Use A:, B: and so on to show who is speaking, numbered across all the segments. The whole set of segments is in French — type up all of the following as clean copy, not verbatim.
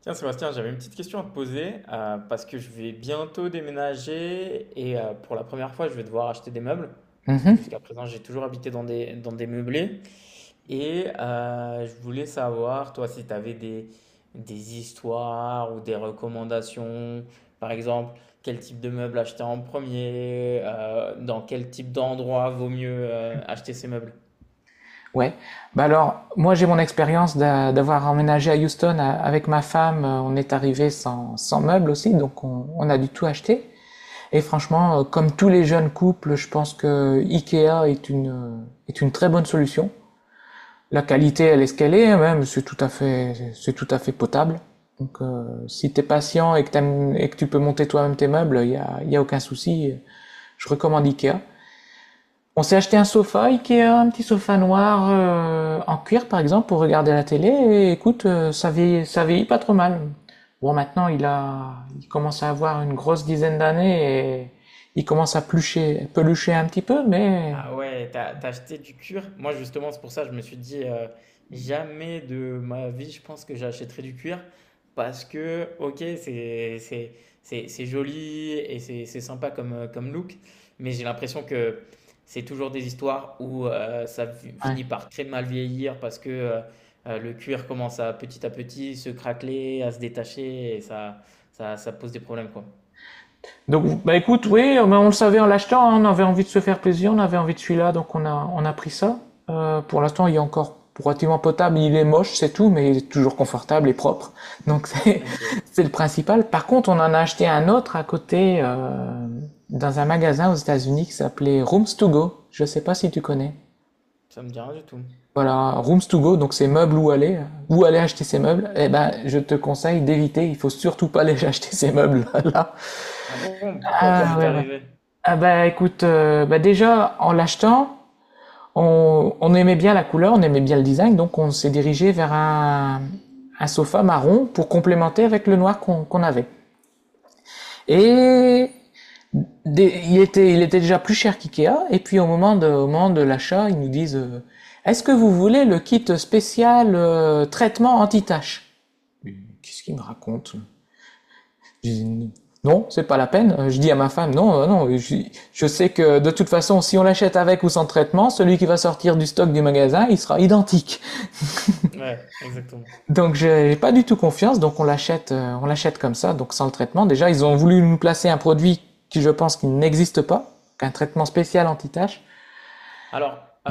A: Tiens, Sébastien, j'avais une petite question à te poser, parce que je vais bientôt déménager et, pour la première fois, je vais devoir acheter des meubles parce que
B: Mhm.
A: jusqu'à présent, j'ai toujours habité dans dans des meublés. Je voulais savoir, toi, si tu avais des histoires ou des recommandations, par exemple, quel type de meubles acheter en premier, dans quel type d'endroit vaut mieux acheter ces meubles.
B: Ouais. Bah alors, moi j'ai mon expérience d'avoir emménagé à Houston avec ma femme. On est arrivé sans meubles aussi, donc on a du tout acheté. Et franchement, comme tous les jeunes couples, je pense que IKEA est une très bonne solution. La qualité, elle est ce qu'elle est, même c'est tout à fait potable. Donc si t'es patient et que tu peux monter toi-même tes meubles, il y a aucun souci. Je recommande IKEA. On s'est acheté un sofa Ikea, un petit sofa noir en cuir par exemple pour regarder la télé et écoute, ça vieillit pas trop mal. Bon, maintenant il commence à avoir une grosse dizaine d'années et il commence à plucher, pelucher un petit peu, mais
A: Ah ouais, t'as acheté du cuir? Moi justement, c'est pour ça que je me suis dit, jamais de ma vie, je pense que j'achèterai du cuir parce que ok, c'est c'est joli et c'est sympa comme, comme look, mais j'ai l'impression que c'est toujours des histoires où,
B: ouais.
A: finit par très mal vieillir parce que, le cuir commence à petit se craqueler, à se détacher et ça pose des problèmes quoi.
B: Donc, bah écoute, oui, mais on le savait en l'achetant, hein, on avait envie de se faire plaisir, on avait envie de celui-là, donc on a pris ça. Pour l'instant, il est encore relativement potable, il est moche, c'est tout, mais il est toujours confortable et propre. Donc c'est,
A: Ok,
B: c'est le principal. Par contre, on en a acheté un autre à côté, dans un magasin aux États-Unis qui s'appelait Rooms to Go. Je sais pas si tu connais.
A: ça me dit rien du tout.
B: Voilà, Rooms to Go, donc c'est meubles où aller acheter ces meubles. Eh ben, je te conseille d'éviter, il faut surtout pas aller acheter ces meubles là.
A: Ah bon, pourquoi? Qu'est-ce
B: Ah
A: qui t'est
B: ouais, ouais.
A: arrivé?
B: Ah bah écoute, bah déjà en l'achetant, on aimait bien la couleur, on aimait bien le design, donc on s'est dirigé vers un sofa marron pour complémenter avec le noir qu'on avait. Et il il était déjà plus cher qu'IKEA, et puis au moment de l'achat, ils nous disent est-ce que vous voulez le kit spécial traitement anti-tache? Mais qu'est-ce qu'il me raconte? J'ai dit non, c'est pas la peine. Je dis à ma femme, non, non, je sais que de toute façon, si on l'achète avec ou sans traitement, celui qui va sortir du stock du magasin, il sera identique.
A: Ouais, exactement.
B: Donc j'ai pas du tout confiance, donc on l'achète comme ça, donc sans le traitement. Déjà, ils ont voulu nous placer un produit qui, je pense, qui n'existe pas, un traitement spécial anti-tache.
A: Alors, heu,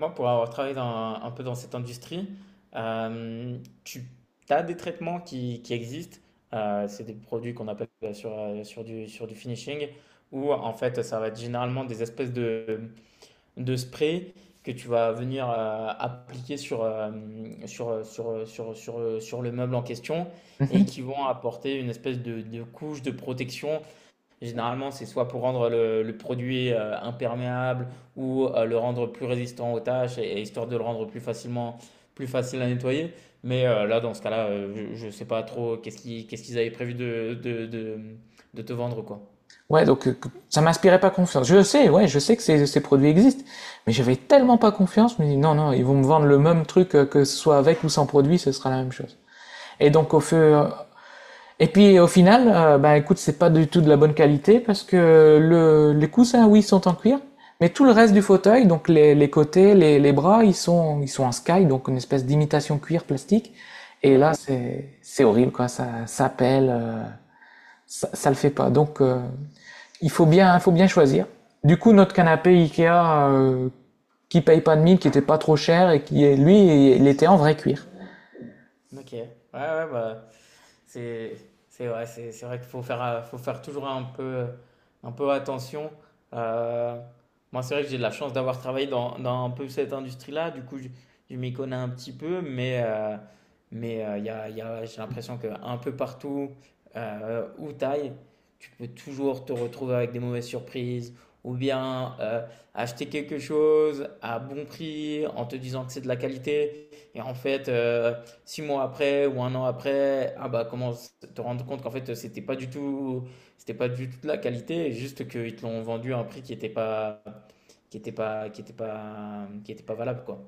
A: moi, pour avoir travaillé dans un peu dans cette industrie, tu as des traitements qui existent, c'est des produits qu'on appelle, sur, sur du finishing où en fait, ça va être généralement des espèces de sprays que tu vas venir, appliquer sur, hem, sur, sur, sur, sur, sur le meuble en question et
B: Mhm.
A: qui vont apporter une espèce de couche de protection. Généralement, c'est soit pour rendre le produit, imperméable ou, le rendre plus résistant aux tâches, et histoire de le rendre plus facilement, plus facile à nettoyer. Là, dans ce cas-là, je ne sais pas trop qu'est-ce qu'ils avaient prévu de te vendre, quoi.
B: Ouais, donc ça m'inspirait pas confiance. Je sais, ouais, je sais que ces produits existent, mais j'avais tellement pas confiance, je me dis non, non, ils vont me vendre le même truc que ce soit avec ou sans produit, ce sera la même chose. Et donc au feu. Et puis au final, bah écoute, c'est pas du tout de la bonne qualité parce que le, les coussins, oui, sont en cuir, mais tout le reste du fauteuil, donc les côtés, les bras, ils sont en sky, donc une espèce d'imitation cuir plastique. Et
A: Ouais.
B: là, c'est horrible, quoi. Ça pèle, ça, ça le fait pas. Donc, il faut faut bien choisir. Du coup, notre canapé Ikea, qui paye pas de mine, qui était pas trop cher et qui, lui, il était en vrai cuir.
A: Ok. Ouais, ouais, bah, C'est c'est ouais, c'est vrai qu'il faut faire, faut faire toujours un peu attention. Euh, Moi, c'est vrai que j'ai de la chance d'avoir travaillé dans un peu cette industrie-là. Du coup, je m'y connais un petit peu, j'ai l'impression que un peu partout, où t'ailles, tu peux toujours te retrouver avec des mauvaises surprises ou bien, acheter quelque chose à bon prix en te disant que c'est de la qualité et en fait, 6 mois après ou 1 an après, ah bah commence te rendre compte qu'en fait c'était pas du tout de la qualité, juste qu'ils te l'ont vendu à un prix qui était pas, qui était pas, qui était pas, qui était pas valable quoi.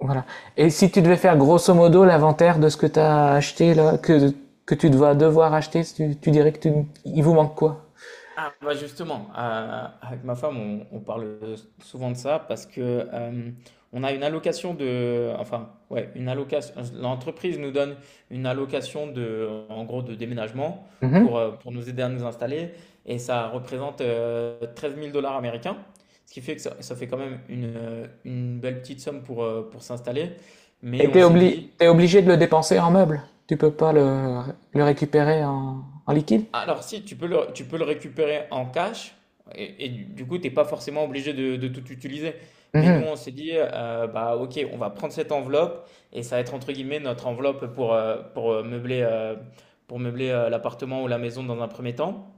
B: Voilà. Et si tu devais faire grosso modo l'inventaire de ce que tu as acheté, là, que tu vas devoir acheter, tu dirais que tu, il vous manque quoi?
A: Ah bah justement, avec ma femme, on parle souvent de ça parce que, on a une allocation de, enfin ouais, une allocation. L'entreprise nous donne une allocation de, en gros, de déménagement pour,
B: Mhm.
A: pour nous aider à nous installer et ça représente, 13 000 dollars américains, ce qui fait que ça fait quand même une belle petite somme pour, pour s'installer. Mais
B: Et
A: on s'est dit,
B: t'es obligé de le dépenser en meubles. Tu peux pas le récupérer en, en liquide.
A: alors, si, tu peux le récupérer en cash et du coup, tu n'es pas forcément obligé de tout utiliser. Mais nous,
B: Mhm.
A: on s'est dit, bah, ok, on va prendre cette enveloppe et ça va être entre guillemets notre enveloppe pour, meubler, pour meubler, l'appartement ou la maison dans un premier temps.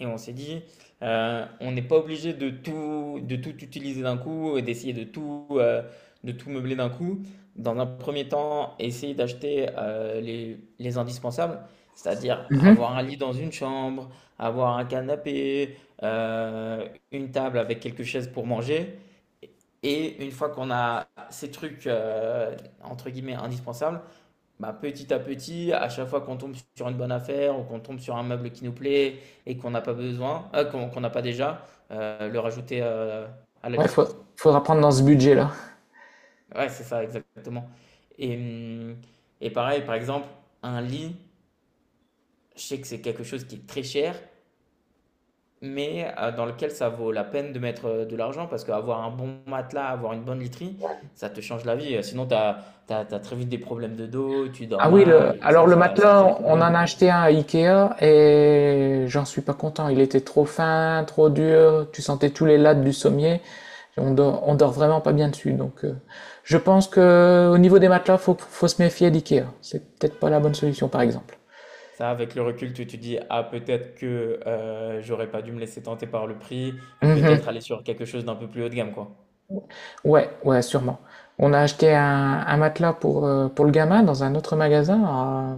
A: Et on s'est dit, on n'est pas obligé de tout utiliser d'un coup et d'essayer de tout meubler d'un coup. Dans un premier temps, essayer d'acheter, les indispensables, c'est-à-dire avoir un lit dans une chambre, avoir un canapé, euh, une table avec quelques chaises pour manger. Et une fois qu'on a ces trucs, entre guillemets, indispensables, bah, petit à petit, à chaque fois qu'on tombe sur une bonne affaire ou qu'on tombe sur un meuble qui nous plaît et qu'on n'a pas besoin, ah, qu'on n'a pas déjà, le rajouter, à la
B: Ouais,
A: liste, quoi.
B: faudra prendre dans ce budget-là.
A: Ouais, c'est ça, exactement. Et, hum, et pareil, par exemple, un lit, je sais que c'est quelque chose qui est très cher, mais, dans lequel ça vaut la peine de mettre, de l'argent parce qu'avoir un bon matelas, avoir une bonne literie, ça te change la vie. Sinon, tu as, très vite des problèmes de dos, tu dors
B: Ah oui,
A: mal
B: le,
A: et
B: alors
A: ça,
B: le
A: ça, ça crée des
B: matelas, on en
A: problèmes.
B: a acheté un à Ikea et j'en suis pas content. Il était trop fin, trop dur. Tu sentais tous les lattes du sommier. On dort vraiment pas bien dessus. Donc, je pense que au niveau des matelas, faut se méfier d'Ikea. C'est peut-être pas la bonne solution, par exemple.
A: Ça, avec le recul, tu te dis: «Ah peut-être que, j'aurais pas dû me laisser tenter par le prix et
B: Mhm.
A: peut-être aller sur quelque chose d'un peu plus haut de gamme», quoi.
B: Ouais, ouais, sûrement. On a acheté un matelas pour le gamin dans un autre magasin,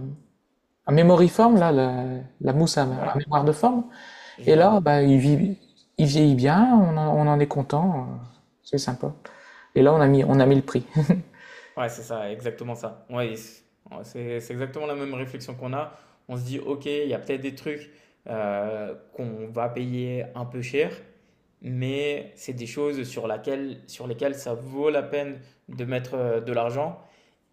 B: à Mémoriforme, là, la mousse à
A: Ouais,
B: mémoire de forme.
A: je
B: Et là,
A: vois.
B: bah, il vieillit bien, on en est content, c'est sympa. Et là, on a mis le prix.
A: Ouais, c'est ça, exactement ça. Ouais, c'est exactement la même réflexion qu'on a. On se dit: «OK, il y a peut-être des trucs, qu'on va payer un peu cher, mais c'est des choses sur lesquelles ça vaut la peine de mettre, de l'argent».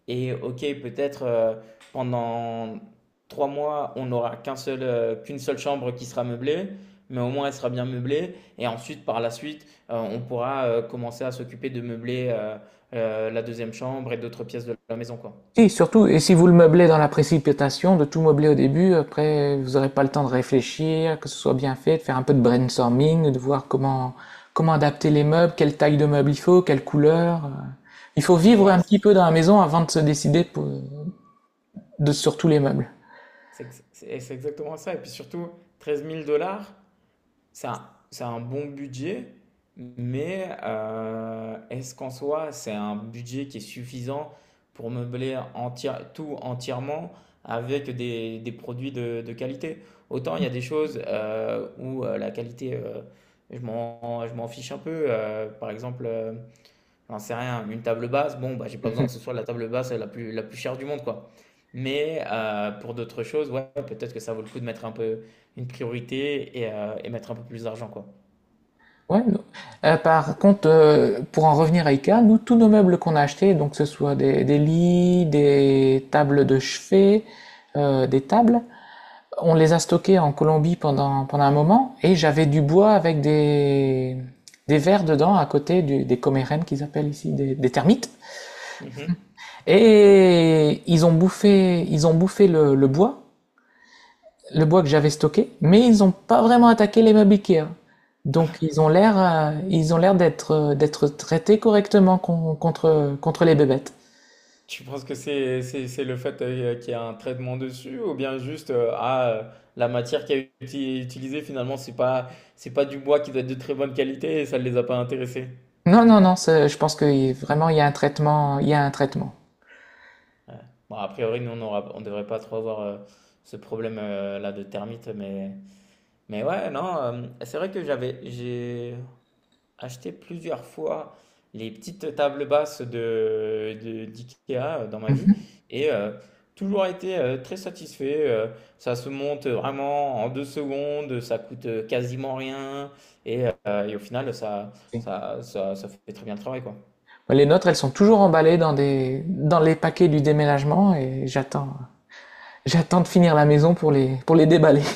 A: Et OK, peut-être, pendant 3 mois, on n'aura qu'un seul, qu'une seule chambre qui sera meublée, mais au moins elle sera bien meublée et ensuite par la suite, on pourra, commencer à s'occuper de meubler, la deuxième chambre et d'autres pièces de la maison, quoi.
B: Et surtout, et si vous le meublez dans la précipitation, de tout meubler au début, après, vous n'aurez pas le temps de réfléchir, que ce soit bien fait, de faire un peu de brainstorming, de voir comment, comment adapter les meubles, quelle taille de meuble il faut, quelle couleur. Il faut vivre
A: Ouais,
B: un
A: c'est
B: petit
A: ça.
B: peu dans la maison avant de se décider sur tous les meubles.
A: C'est ex C'est exactement ça et puis surtout 13 000 dollars. Ça, c'est un bon budget, mais, est-ce qu'en soi, c'est un budget qui est suffisant pour meubler tout entièrement avec des produits de qualité? Autant il y a des choses, où la qualité, je m'en fiche un peu. Par exemple, j'en sais rien, une table basse, bon, bah, j'ai pas besoin que ce soit la table basse la plus chère du monde, quoi. Mais, pour d'autres choses, ouais, peut-être que ça vaut le coup de mettre un peu une priorité et mettre un peu plus d'argent, quoi.
B: Ouais, non. Par contre, pour en revenir à IKEA, nous, tous nos meubles qu'on a achetés, donc que ce soit des lits, des tables de chevet, des tables, on les a stockés en Colombie pendant, pendant un moment et j'avais du bois avec des vers dedans à côté des comérènes qu'ils appellent ici, des termites.
A: Mhm.
B: Et ils ont bouffé le bois, le bois que j'avais stocké, mais ils n'ont pas vraiment attaqué les meubles Ikea. Donc ils ont l'air d'être, d'être traités correctement contre, contre les bébêtes.
A: Tu penses que c'est le fait, qu'il y a un traitement dessus ou bien juste, la matière qui a été utilisée finalement c'est pas du bois qui doit être de très bonne qualité et ça ne les a pas intéressés.
B: Non, non, non, je pense que vraiment il y a un traitement.
A: Ouais. Bon, a priori, nous, on aura, on devrait pas trop avoir, ce problème, là de termites, mais. Mais ouais, non, c'est vrai que j'avais, j'ai acheté plusieurs fois les petites tables basses d'IKEA, dans ma vie et, toujours été, très satisfait. Ça se monte vraiment en deux secondes, ça coûte, quasiment rien et, et au final, ça,
B: Oui.
A: ça, ça, ça fait très bien le travail, quoi.
B: Les nôtres, elles sont toujours emballées dans dans les paquets du déménagement et j'attends de finir la maison pour pour les déballer.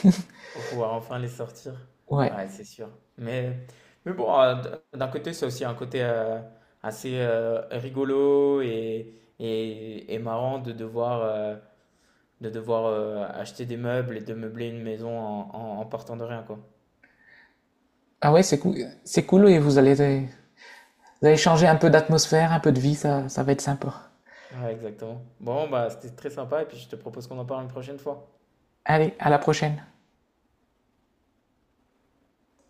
A: Pour pouvoir enfin les sortir.
B: Ouais.
A: Ouais, c'est sûr. Mais, mais bon, d'un côté, c'est aussi un côté, assez, rigolo et, et marrant de devoir, acheter des meubles et de meubler une maison en partant de rien, quoi.
B: Ah ouais, c'est cool et vous allez changer un peu d'atmosphère, un peu de vie, ça va être sympa.
A: Ouais, exactement. Bon, bah, c'était très sympa et puis je te propose qu'on en parle une prochaine fois.
B: Allez, à la prochaine.